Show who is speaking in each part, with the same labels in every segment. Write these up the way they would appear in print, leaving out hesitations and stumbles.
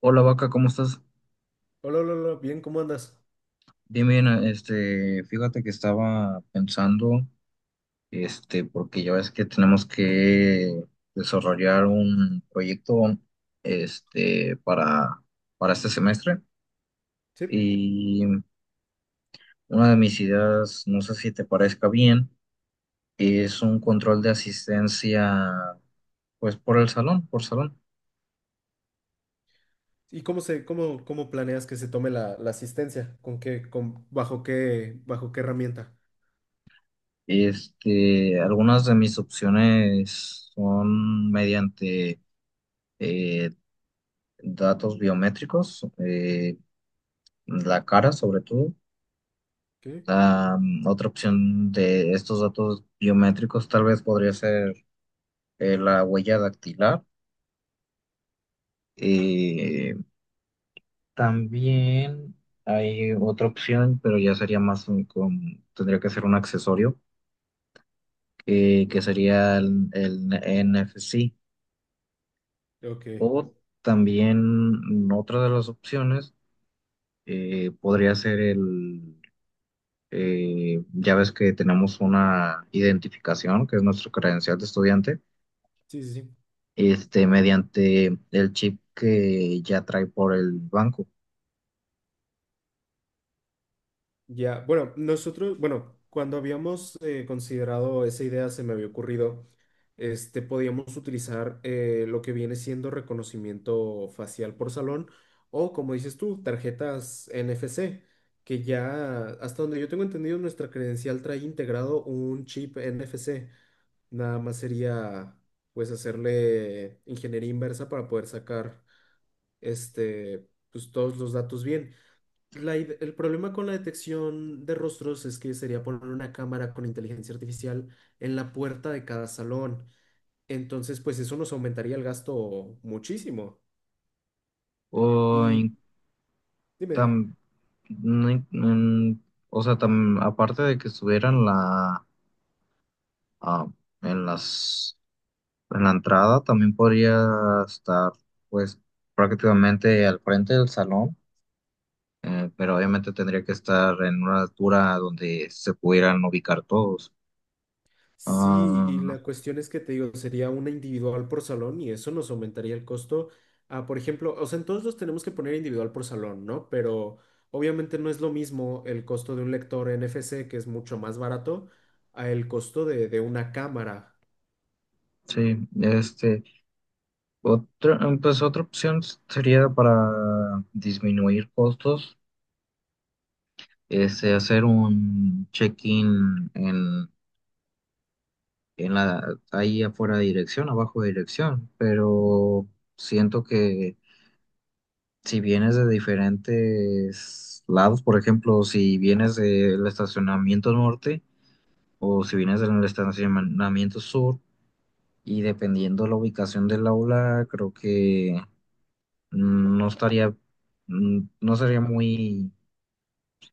Speaker 1: Hola vaca, ¿cómo estás?
Speaker 2: Hola, hola, hola, bien, ¿cómo andas?
Speaker 1: Bien, bien, fíjate que estaba pensando, porque ya ves que tenemos que desarrollar un proyecto, este, para, para este semestre
Speaker 2: Sí.
Speaker 1: y una de mis ideas, no sé si te parezca bien, es un control de asistencia, pues por el salón, por salón.
Speaker 2: ¿Y cómo se, cómo planeas que se tome la asistencia? ¿Con qué, con, bajo qué herramienta?
Speaker 1: Algunas de mis opciones son mediante eh, datos biométricos, la cara sobre todo.
Speaker 2: ¿Qué?
Speaker 1: Ah, otra opción de estos datos biométricos tal vez podría ser la huella dactilar. Eh, también hay otra opción, pero ya sería más tendría que ser un accesorio, que sería el NFC.
Speaker 2: Ok.
Speaker 1: O también otra de las opciones podría ser el ya ves que tenemos una identificación, que es nuestro credencial de estudiante,
Speaker 2: Sí, sí, sí.
Speaker 1: mediante el chip que ya trae por el banco.
Speaker 2: Ya, bueno, nosotros, bueno, cuando habíamos considerado esa idea, se me había ocurrido, este, podíamos utilizar lo que viene siendo reconocimiento facial por salón o, como dices tú, tarjetas NFC, que ya, hasta donde yo tengo entendido, nuestra credencial trae integrado un chip NFC. Nada más sería pues hacerle ingeniería inversa para poder sacar este pues todos los datos bien. El problema con la detección de rostros es que sería poner una cámara con inteligencia artificial en la puerta de cada salón. Entonces, pues eso nos aumentaría el gasto muchísimo.
Speaker 1: O,
Speaker 2: Y dime, dime.
Speaker 1: tam- no o sea, aparte de que estuviera en la, ah, en las, en la entrada, también podría estar, pues, prácticamente al frente del salón, pero obviamente tendría que estar en una altura donde se pudieran ubicar todos.
Speaker 2: Sí, y
Speaker 1: Ah,
Speaker 2: la cuestión es que te digo, sería una individual por salón y eso nos aumentaría el costo a, por ejemplo, o sea, en todos los tenemos que poner individual por salón, ¿no? Pero obviamente no es lo mismo el costo de un lector NFC, que es mucho más barato, a el costo de una cámara.
Speaker 1: sí, pues otra opción sería para disminuir costos, hacer un check-in ahí afuera de dirección, abajo de dirección, pero siento que si vienes de diferentes lados, por ejemplo, si vienes del estacionamiento norte o si vienes del estacionamiento sur, y dependiendo la ubicación del aula, creo que no estaría, no sería muy,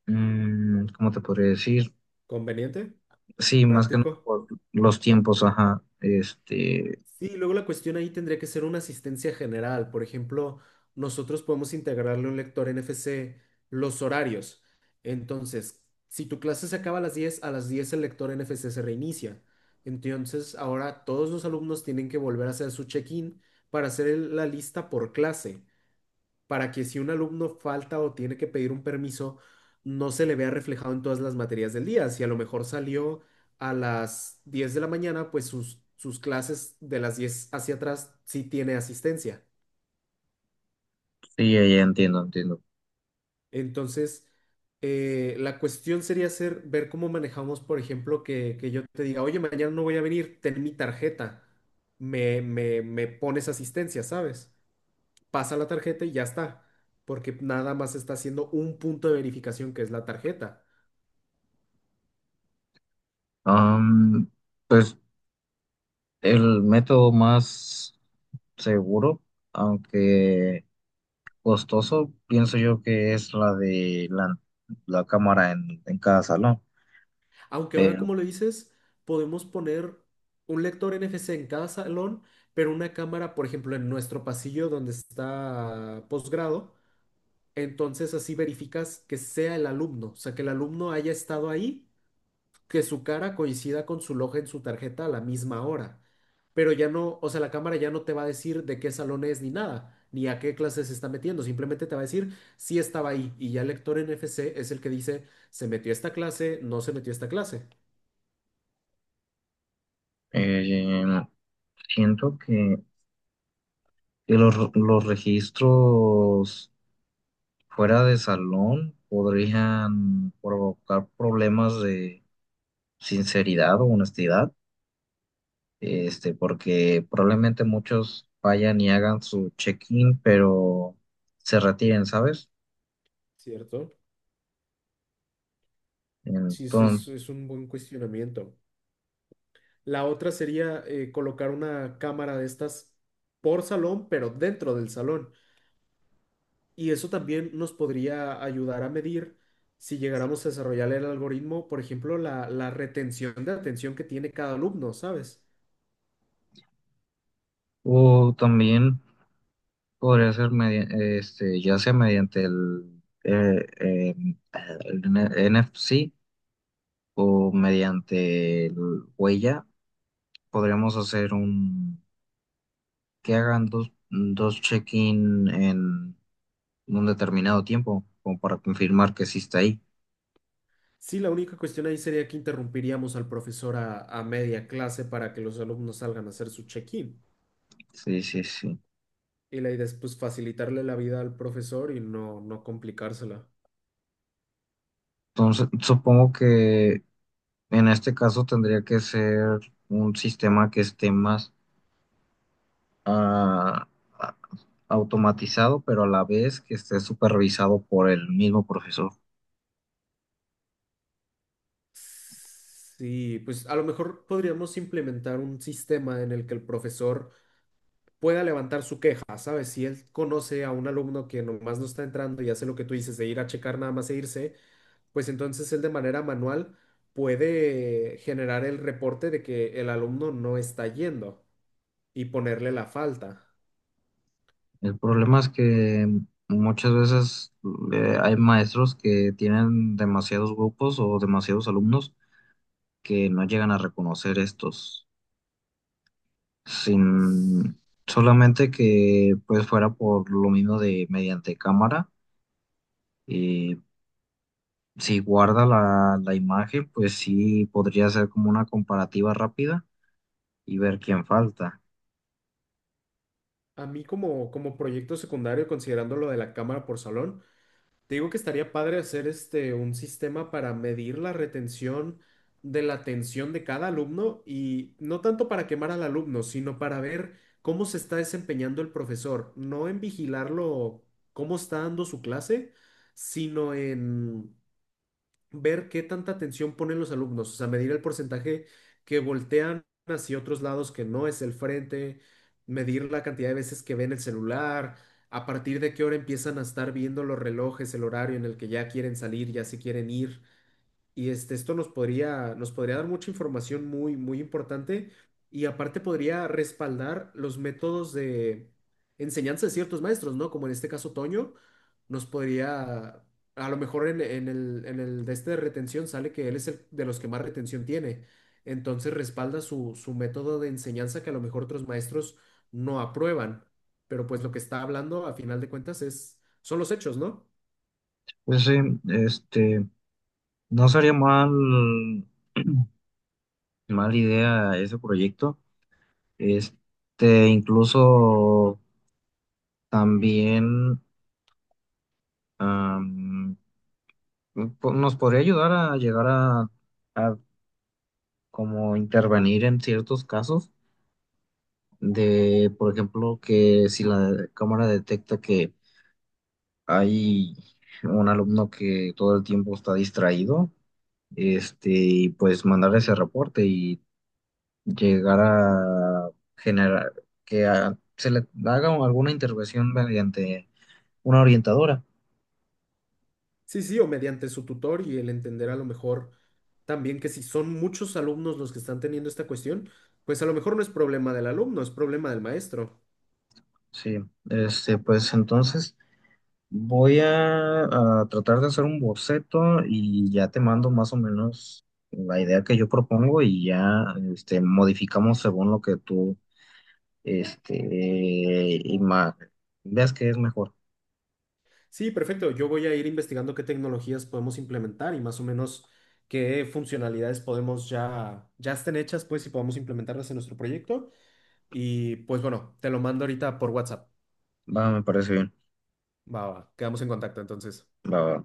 Speaker 1: ¿cómo te podría decir?
Speaker 2: ¿Conveniente?
Speaker 1: Sí, más que nada
Speaker 2: ¿Práctico?
Speaker 1: por los tiempos, ajá,
Speaker 2: Sí, luego la cuestión ahí tendría que ser una asistencia general. Por ejemplo, nosotros podemos integrarle a un lector NFC los horarios. Entonces, si tu clase se acaba a las 10, a las 10 el lector NFC se reinicia. Entonces, ahora todos los alumnos tienen que volver a hacer su check-in para hacer la lista por clase para que si un alumno falta o tiene que pedir un permiso, no se le vea reflejado en todas las materias del día. Si a lo mejor salió a las 10 de la mañana, pues sus clases de las 10 hacia atrás sí tiene asistencia.
Speaker 1: sí, ya, ya entiendo, entiendo.
Speaker 2: Entonces, la cuestión sería ser ver cómo manejamos, por ejemplo, que yo te diga, oye, mañana no voy a venir, ten mi tarjeta, me, me pones asistencia, ¿sabes? Pasa la tarjeta y ya está, porque nada más está haciendo un punto de verificación que es la tarjeta.
Speaker 1: Am, pues el método más seguro, aunque costoso, pienso yo que es la de la cámara en cada salón,
Speaker 2: Aunque ahora,
Speaker 1: pero
Speaker 2: como lo dices, podemos poner un lector NFC en cada salón, pero una cámara, por ejemplo, en nuestro pasillo donde está posgrado. Entonces así verificas que sea el alumno, o sea, que el alumno haya estado ahí, que su cara coincida con su loja en su tarjeta a la misma hora. Pero ya no, o sea, la cámara ya no te va a decir de qué salón es ni nada, ni a qué clase se está metiendo, simplemente te va a decir si estaba ahí. Y ya el lector NFC es el que dice, se metió a esta clase, no se metió a esta clase.
Speaker 1: eh, siento que los registros fuera de salón podrían provocar problemas de sinceridad o honestidad, porque probablemente muchos vayan y hagan su check-in, pero se retiren, ¿sabes?
Speaker 2: ¿Cierto? Sí, es,
Speaker 1: Entonces,
Speaker 2: es un buen cuestionamiento. La otra sería colocar una cámara de estas por salón, pero dentro del salón. Y eso también nos podría ayudar a medir si llegáramos a desarrollar el algoritmo, por ejemplo, la retención de atención que tiene cada alumno, ¿sabes?
Speaker 1: o también podría ser ya sea mediante el NFC o mediante el huella, podríamos hacer un que hagan dos check-in en un determinado tiempo, como para confirmar que sí está ahí.
Speaker 2: Sí, la única cuestión ahí sería que interrumpiríamos al profesor a media clase para que los alumnos salgan a hacer su check-in.
Speaker 1: Sí, sí, sí.
Speaker 2: Y la idea es pues facilitarle la vida al profesor y no, no complicársela.
Speaker 1: Entonces, supongo que en este caso tendría que ser un sistema que esté más ah, a- automatizado, pero a la vez que esté supervisado por el mismo profesor.
Speaker 2: Sí, pues a lo mejor podríamos implementar un sistema en el que el profesor pueda levantar su queja, ¿sabes? Si él conoce a un alumno que nomás no está entrando y hace lo que tú dices de ir a checar nada más e irse, pues entonces él de manera manual puede generar el reporte de que el alumno no está yendo y ponerle la falta.
Speaker 1: El problema es que muchas veces hay maestros que tienen demasiados grupos o demasiados alumnos que no llegan a reconocer estos. Sin solamente que pues fuera por lo mismo de mediante cámara. eh, si guarda la imagen, pues sí podría ser como una comparativa rápida y ver quién falta.
Speaker 2: A mí como, como proyecto secundario, considerando lo de la cámara por salón, te digo que estaría padre hacer este un sistema para medir la retención de la atención de cada alumno y no tanto para quemar al alumno, sino para ver cómo se está desempeñando el profesor, no en vigilarlo cómo está dando su clase, sino en ver qué tanta atención ponen los alumnos, o sea, medir el porcentaje que voltean hacia otros lados que no es el frente, medir la cantidad de veces que ven el celular, a partir de qué hora empiezan a estar viendo los relojes, el horario en el que ya quieren salir, ya se quieren ir. Y este, esto nos podría dar mucha información muy, muy importante y aparte podría respaldar los métodos de enseñanza de ciertos maestros, ¿no? Como en este caso Toño, nos podría, a lo mejor en el de este de retención sale que él es el de los que más retención tiene. Entonces respalda su, su método de enseñanza que a lo mejor otros maestros no aprueban. Pero pues lo que está hablando a final de cuentas es, son los hechos, ¿no?
Speaker 1: Pues sí, este, no sería mal, mal idea ese proyecto. Incluso también am, nos podría ayudar a llegar a a como intervenir en ciertos casos de, por ejemplo, que si la cámara detecta que hay un alumno que todo el tiempo está distraído, y pues mandar ese reporte y llegar a generar que se le haga alguna intervención mediante una orientadora.
Speaker 2: Sí, sí, o mediante su tutor y el entender a lo mejor también que si son muchos alumnos los que están teniendo esta cuestión, pues a lo mejor no es problema del alumno, es problema del maestro.
Speaker 1: Sí, pues entonces. Voy a tratar de hacer un boceto y ya te mando más o menos la idea que yo propongo y ya modificamos según lo que tú este, ima- veas que es mejor.
Speaker 2: Sí, perfecto. Yo voy a ir investigando qué tecnologías podemos implementar y más o menos qué funcionalidades podemos ya, ya estén hechas, pues, y podemos implementarlas en nuestro proyecto. Y pues bueno, te lo mando ahorita por WhatsApp.
Speaker 1: Va, me parece bien.
Speaker 2: Va, va, quedamos en contacto entonces.
Speaker 1: Va, va.